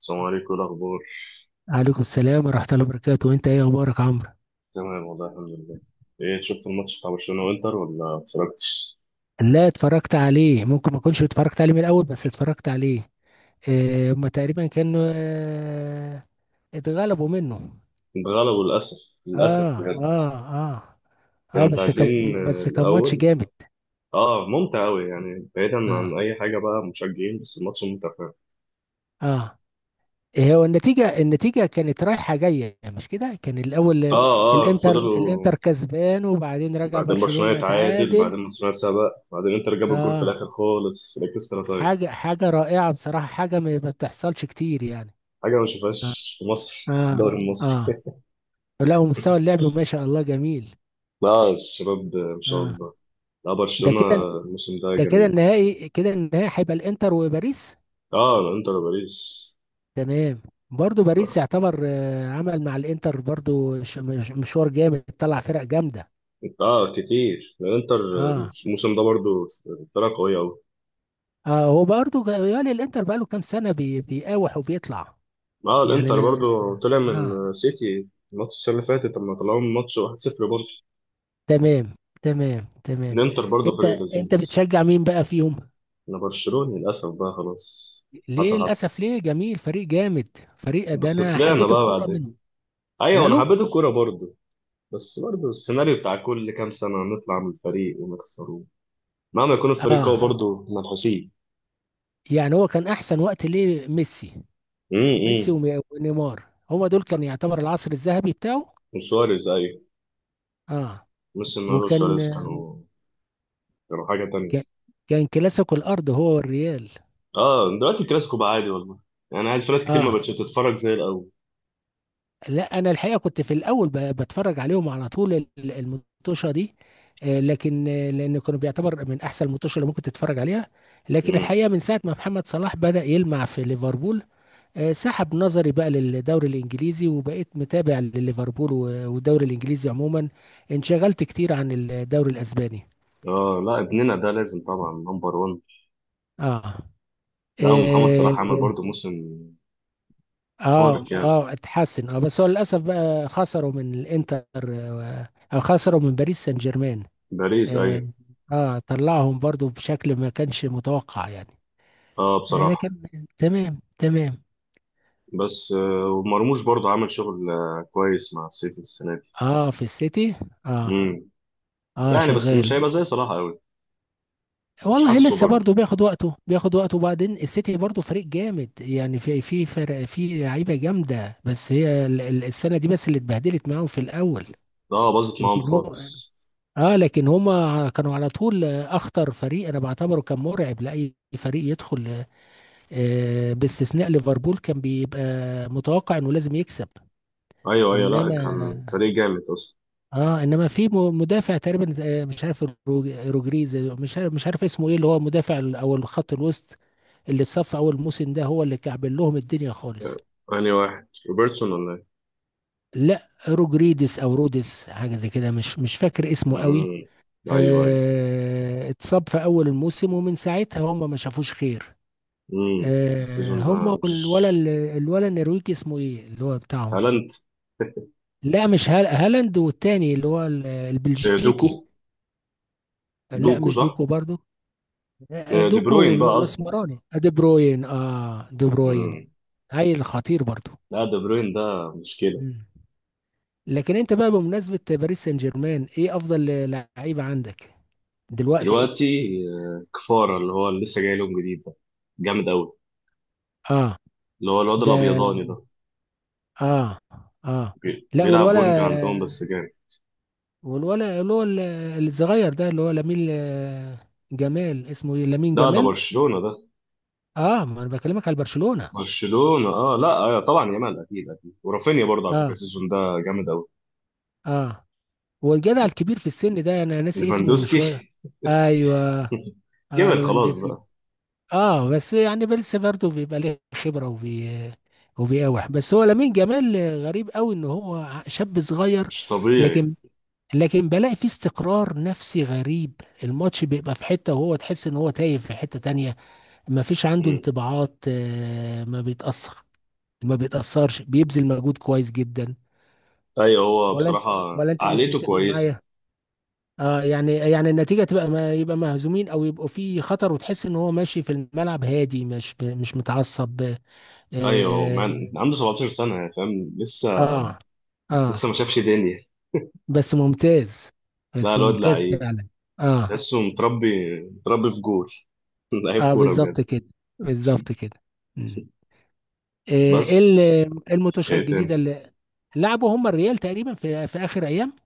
السلام عليكم، إيه الأخبار؟ عليكم السلام ورحمة الله وبركاته، وانت ايه اخبارك عمرو؟ تمام والله الحمد لله. إيه، شفت الماتش بتاع برشلونة وإنتر ولا ما اتفرجتش؟ لا اتفرجت عليه، ممكن ما اكونش اتفرجت عليه من الاول بس اتفرجت عليه. اه هما تقريبا كانوا اتغلبوا منه. اتغلبوا للأسف. للأسف اه بجد. اه اه كانوا اه بس كان، متعادلين، بس كان ماتش الأول. جامد. آه، ممتع أوي، يعني بعيدا اه عن أي حاجة بقى، مشجعين بس الماتش ممتع فعلا. اه إيه هو النتيجة؟ النتيجة كانت رايحة جاية مش كده، كان الاول آه. آه، آه، الانتر فضلوا. الانتر كسبان وبعدين رجع بعدين برشلونة برشلونة يتعادل، تعادل. بعدين برشلونة سبق، بعدين إنتر جاب الجول في اه الآخر خالص في الإكسترا تايم. حاجة رائعة بصراحة، حاجة ما بتحصلش كتير يعني. حاجة ما آه. شفتهاش في مصر في اه الدوري المصري. اه لا، ومستوى اللعب ما شاء الله جميل. لا الشباب، ما شاء اه الله. لا ده برشلونة، كده، الموسم ده ده كده جميل. النهائي كده النهائي هيبقى الانتر وباريس. اه، انتر باريس. تمام. برضو باريس يعتبر آه، عمل مع الانتر برضو مشوار جامد، طلع فرق جامده. اه كتير الانتر. اه الموسم ده برضو فرقة قوية أوي. اه هو برضو يالي الانتر بقاله كام سنه بيقاوح وبيطلع. اه يعني الانتر انا، برضو طلع اه من سيتي الماتش السنة اللي فاتت لما طلعوا من ماتش 1-0 برضو. تمام تمام تمام. الانتر برضو انت فريق انت لذيذ. بتشجع مين بقى فيهم؟ انا برشلوني للأسف بقى خلاص. ليه حصل حصل. للاسف؟ ليه، جميل فريق جامد، فريق ده بس انا طلعنا حبيت بقى الكوره بعدين. منه. ايوه انا ماله؟ حبيت الكورة برضو. بس برضو السيناريو بتاع كل كام سنة نطلع من الفريق ونخسره. مهما يكون الفريق قوي اه برضو منحوسين. يعني هو كان احسن وقت ليه ميسي. امم. ميسي امم. ونيمار، هما دول كان يعتبر العصر الذهبي بتاعه. وسواريز ايوه. اه ميسي ونارو وكان، سواريز كانوا حاجة كان تانية. كان كلاسيكو الارض هو والريال. اه، دلوقتي الكلاسيكو بقى عادي والله. يعني عادي، في ناس كتير ما اه بقتش تتفرج زي الاول. لا انا الحقيقه كنت في الاول بتفرج عليهم على طول المطوشه دي، آه، لكن آه، لان كانوا بيعتبر من احسن المطوشه اللي ممكن تتفرج عليها. لكن امم. الحقيقه من ساعه ما محمد صلاح بدأ يلمع في ليفربول، آه، سحب نظري بقى للدوري الانجليزي وبقيت متابع لليفربول والدوري الانجليزي عموما. انشغلت كتير عن الدوري الاسباني. اه لا، ابننا ده لازم طبعا نمبر 1. اه لا، ومحمد صلاح اه عمل برضه موسم اه, خارق يعني. آه اتحسن، بس هو للاسف بقى خسروا من الانتر آه، او خسروا من باريس سان جيرمان. باريس اه, ايوه. آه طلعهم برضو بشكل ما كانش متوقع يعني. اه آه لكن، بصراحه. تمام تمام. بس ومرموش برضه عمل شغل كويس مع السيتي السنه دي. اه في السيتي. اه امم. اه يعني بس مش شغال. هيبقى زي صلاح قوي. مش والله حاسه لسه برضه. برضه بياخد وقته، بياخد وقته. وبعدين السيتي برضه فريق جامد يعني، في فرق في لعيبه جامده، بس هي السنه دي بس اللي اتبهدلت معاهم في الاول. اه باظت معاهم لكن هو، خالص. اه لكن هما كانوا على طول آه، اخطر فريق انا بعتبره، كان مرعب لاي فريق يدخل، آه، باستثناء ليفربول كان بيبقى متوقع انه لازم يكسب. ايوه ايوه، لا انما، كان فريق جامد اصلا. اه انما في مدافع تقريبا آه، مش عارف روجريز، مش عارف، مش عارف اسمه ايه، اللي هو مدافع او الخط الوسط، اللي اتصف اول موسم ده هو اللي كعبل لهم الدنيا آه، خالص. انهي واحد، روبرتسون ولا ايه؟ لا روجريدس او رودس، حاجه زي كده، مش فاكر اسمه قوي. امم. ايوه ايوه. آه اتصاب في اول الموسم، ومن ساعتها هم ما شافوش خير. آه السيزون ده. هم مش والولا الولا النرويجي اسمه ايه اللي هو بتاعهم؟ هالاند. لا مش هالاند، والتاني اللي هو البلجيكي. دوكو. لا دوكو مش صح. دوكو برضو. آه، دي دوكو بروين بقى قصدي. الاسمراني آه، دي بروين، دي بروين. مم. هاي خطير برضو. لا دي بروين ده مشكله. مم. لكن انت بقى بمناسبة باريس سان جيرمان، ايه افضل لعيبة عندك دلوقتي؟ دلوقتي كفاره، اللي هو اللي لسه جاي لهم جديد ده، جامد قوي. اه اللي هو الواد ده، الابيضاني ده. اه اه لا بيلعب والولا، وينج عندهم بس جامد. والولا اللي هو ال- الصغير ده اللي هو لامين آه، جمال، اسمه ايه، لامين ده جمال. برشلونه ده. اه ما انا بكلمك على برشلونة. برشلونه اه، لا طبعا يامال، اكيد اكيد، ورافينيا برضه على فكره اه السيزون ده جامد قوي. اه والجدع الكبير في السن ده انا ناسي اسمه شوية. ليفاندوسكي. ايوه، اه كبر خلاص لوفاندوسكي. بقى. اه بس يعني بيلس برضه بيبقى ليه خبره وبي وبيقاوح، بس هو لامين جمال غريب قوي ان هو شاب صغير. مش طبيعي. لكن، لكن بلاقي فيه استقرار نفسي غريب، الماتش بيبقى في حته وهو تحس ان هو تايه في حته تانية. ما فيش عنده مم. انطباعات آه، ما بيتاثر، ما بيتاثرش، بيبذل مجهود كويس جدا. ايوه هو ولا انت، بصراحه ولا انت مش عقليته متفق كويسه. معايا؟ اه يعني النتيجه تبقى، ما يبقى مهزومين او يبقوا في خطر، وتحس ان هو ماشي في الملعب هادي، مش متعصب. ايوه اه مان عنده 17 سنه يعني، فاهم لسه. اه آه. لسه ما شافش دنيا. بس ممتاز، لا بس الواد ممتاز لعيب. فعلا. اه تحسه متربي، متربي في جول. لعيب اه كوره بجد. بالظبط كده، بالظبط كده. مم. آه، بس إيه الماتشات ايه الجديده تاني؟ اللي لعبوا هم الريال تقريبا في اخر ايام،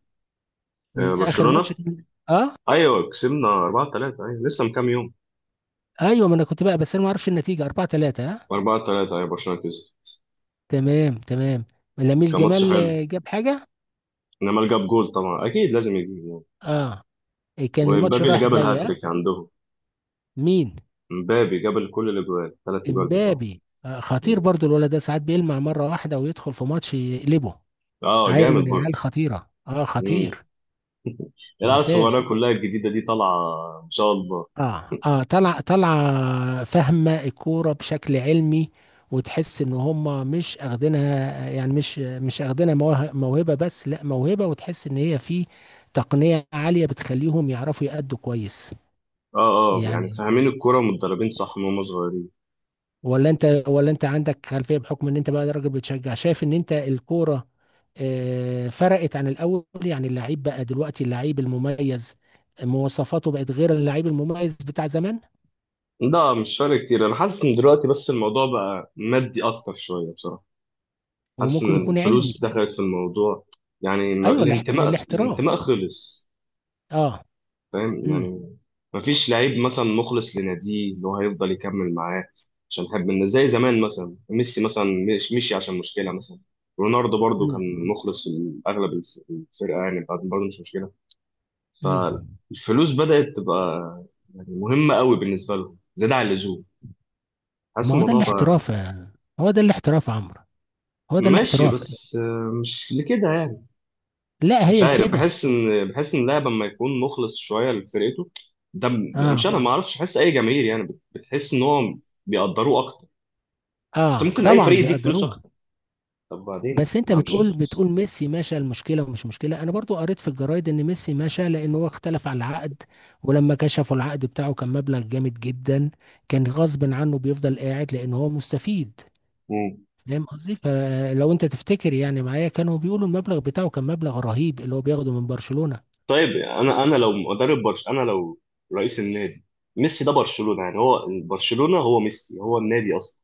من اخر ماتش برشلونه، كان- اه ايوه كسبنا 4-3، ايوه لسه من كام يوم. ايوه، ما انا كنت بقى، بس انا ما اعرفش النتيجه. 4-3 اه. 4-3 ايوه برشلونه كسب. تمام تمام. بس لامين كان ماتش جمال حلو. آه، جاب حاجه. انما جاب جول طبعا، اكيد لازم يجيب جول. اه إيه، كان الماتش ومبابي اللي رايح جاب جاي اه. الهاتريك عندهم. مين؟ مبابي جاب كل الاجوال، ثلاث اجوال بتوعه. امبابي آه، خطير مم. برضو الولد ده، ساعات بيلمع مرة واحدة ويدخل في ماتش يقلبه. اه عيل من جامد العيال برضه. خطيرة، اه مم. خطير. العيال ممتاز. الصغيره كلها الجديده دي طالعه. ان شاء الله. اه طلع، طلع فاهمة الكورة بشكل علمي، وتحس ان هم مش اخدينها يعني، مش مش اخدينها موهبة بس، لا موهبة وتحس ان هي في تقنية عالية بتخليهم يعرفوا يأدوا كويس اه اه، يعني يعني. فاهمين الكوره ومتدربين صح من هم صغيرين. ولا انت، ولا انت عندك خلفيه بحكم ان انت بقى راجل بتشجع، شايف ان انت الكوره آه، فرقت عن الاول يعني؟ اللعيب بقى دلوقتي، اللعيب المميز مواصفاته بقت غير اللعيب المميز بتاع زمان. لا مش فارق كتير، انا حاسس ان دلوقتي بس الموضوع بقى مادي اكتر شويه بصراحه. حاسس وممكن ان يكون علمي. الفلوس دخلت في الموضوع. يعني ايوه الانتماء، الانتماء الاحتراف. خلص. اه فاهم امم يعني. مفيش لعيب مثلا مخلص لناديه اللي هو هيفضل يكمل معاه عشان حب الناس زي زمان. مثلا ميسي مثلا، مش مشي عشان مشكله مثلا. رونالدو برضو امم كان مخلص لاغلب الفرقه يعني، بعد برضه مش مشكله. امم فالفلوس بدأت تبقى يعني مهمة قوي بالنسبة لهم، زيادة عن اللزوم. حاسس ما هو ده الموضوع بقى الاحتراف هو ده الاحتراف يا عمرو، هو ده ماشي، الاحتراف. بس مش لكده يعني. لا مش هي عارف، الكده. بحس ان اللاعب لما يكون مخلص شوية لفرقته، مش اه انا ما اعرفش، بحس اي جماهير يعني بتحس ان هو بيقدروه اكتر. بس اه ممكن اي طبعا فريق يديك فلوس بيقدروه. اكتر. طب بعدين بس انت ما مش بتقول، هنخلص. بتقول ميسي مشى المشكله ومش مشكله، انا برضو قريت في الجرايد ان ميسي مشى لان هو اختلف على العقد، ولما كشفوا العقد بتاعه كان مبلغ جامد جدا، كان غصب عنه بيفضل قاعد لان هو مستفيد. مم. فاهم قصدي؟ فلو انت تفتكر يعني معايا، كانوا بيقولوا المبلغ بتاعه كان مبلغ رهيب اللي هو بياخده من برشلونه. طيب، ف- انا لو مدرب برش، انا لو رئيس النادي، ميسي ده برشلونة يعني، هو برشلونة، هو ميسي، هو النادي اصلا.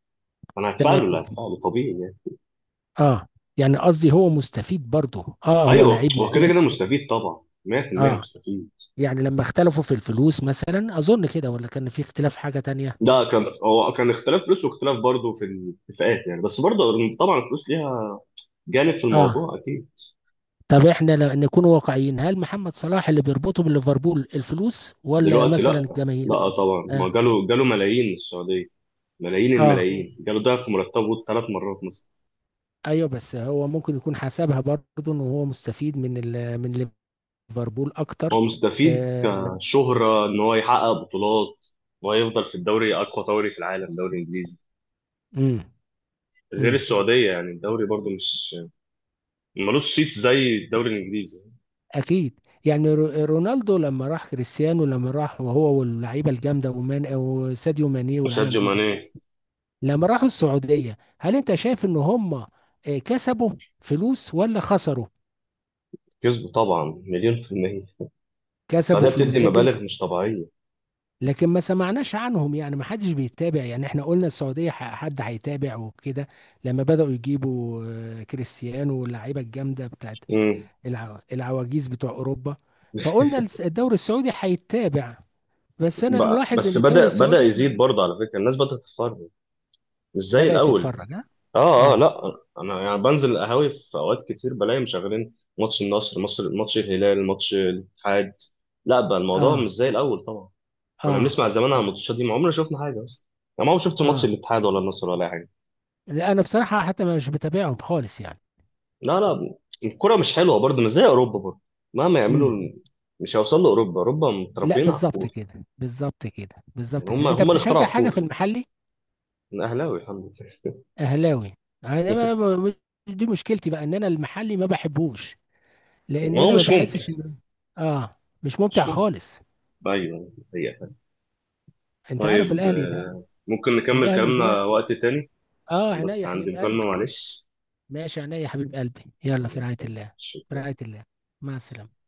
انا هتفعله تمام. لا هتفعله طبيعي يعني. اه يعني قصدي هو مستفيد برضه، اه هو ايوه لعيب هو كده، يعني كده ممتاز. مستفيد طبعا، 100% اه مستفيد. يعني لما اختلفوا في الفلوس مثلا، اظن كده، ولا كان في اختلاف حاجه تانية؟ ده كان، هو كان اختلاف فلوس واختلاف برضه في الاتفاقات يعني، بس برضه طبعا الفلوس ليها جانب في اه الموضوع اكيد. طب احنا لو نكون واقعيين، هل محمد صلاح اللي بيربطه بليفربول الفلوس ولا دلوقتي مثلا لا. الجماهير؟ لا طبعا، اه ما جاله جاله ملايين من السعوديه. ملايين، مم. اه الملايين جاله ضعف مرتبه ثلاث مرات مثلا. ايوه، بس هو ممكن يكون حسبها برضه ان هو مستفيد من ال من ليفربول اكتر. هو مستفيد آه. كشهره ان هو يحقق بطولات، ويفضل في الدوري، اقوى دوري في العالم، دوري انجليزي. امم غير امم السعوديه يعني، الدوري برضه مش، ملوش صيت زي الدوري الانجليزي. اكيد. يعني رونالدو لما راح، كريستيانو لما راح، وهو واللعيبه الجامده ومان او ساديو ماني والعالم ساديو دي، ماني. لما راحوا السعوديه، هل انت شايف ان هم آه، كسبوا فلوس ولا خسروا؟ كسبه طبعا مليون في المية. كسبوا السعودية بتدي فلوس، لكن، مبالغ مش طبيعية. لكن ما سمعناش عنهم يعني، ما حدش بيتابع يعني. احنا قلنا السعودية، حد هيتابع وكده، لما بدأوا يجيبوا آه، كريستيانو واللعيبة الجامدة بتاعت امم. العواجيز بتوع أوروبا، فقلنا الدوري السعودي هيتابع. بس أنا ملاحظ إن بس الدوري بدأ السعودي يزيد ما برضه على فكرة، الناس بدأت تتفرج، مش زي بدأت الأول. تتفرج ها. اه اه، اه لا أنا يعني بنزل القهاوي في أوقات كتير، بلاقي مشغلين ماتش النصر، مصر، ماتش الهلال، ماتش الاتحاد. لا بقى الموضوع اه مش زي الأول طبعا. كنا بنسمع اه زمان عن اه الماتشات دي، ما عمرنا شفنا حاجة أصلا. يعني ما عمري شفت ماتش اه الاتحاد ولا النصر ولا أي حاجة. لا أنا بصراحة حتى مش بتابعهم خالص يعني. لا لا، الكرة مش حلوة برضه، مش زي أوروبا برضه. مهما يعملوا امم. مش هيوصلوا لأوروبا، أوروبا لا متربيين على بالظبط الكورة. كده بالظبط كده يعني بالظبط هم كده. أنت هم اللي بتشجع اخترعوا حاجة في الكورة. المحلي؟ أنا أهلاوي الحمد لله. اهلاوي. أنا دي مشكلتي بقى، ان انا المحلي ما بحبوش، لان ما هو انا ما مش ممكن. بحسش ان، اه مش ممتع مش ممكن. خالص. أيوه هي. انت عارف طيب، الاهلي ده، ممكن نكمل الاهلي ده، كلامنا وقت تاني اه عشان عينيا بس يا عندي حبيب مكالمة، قلبي. معلش. ماشي، عينيا يا حبيب قلبي، يلا في خلاص، رعاية طيب. الله. في شكرا. رعاية الله، مع السلامة.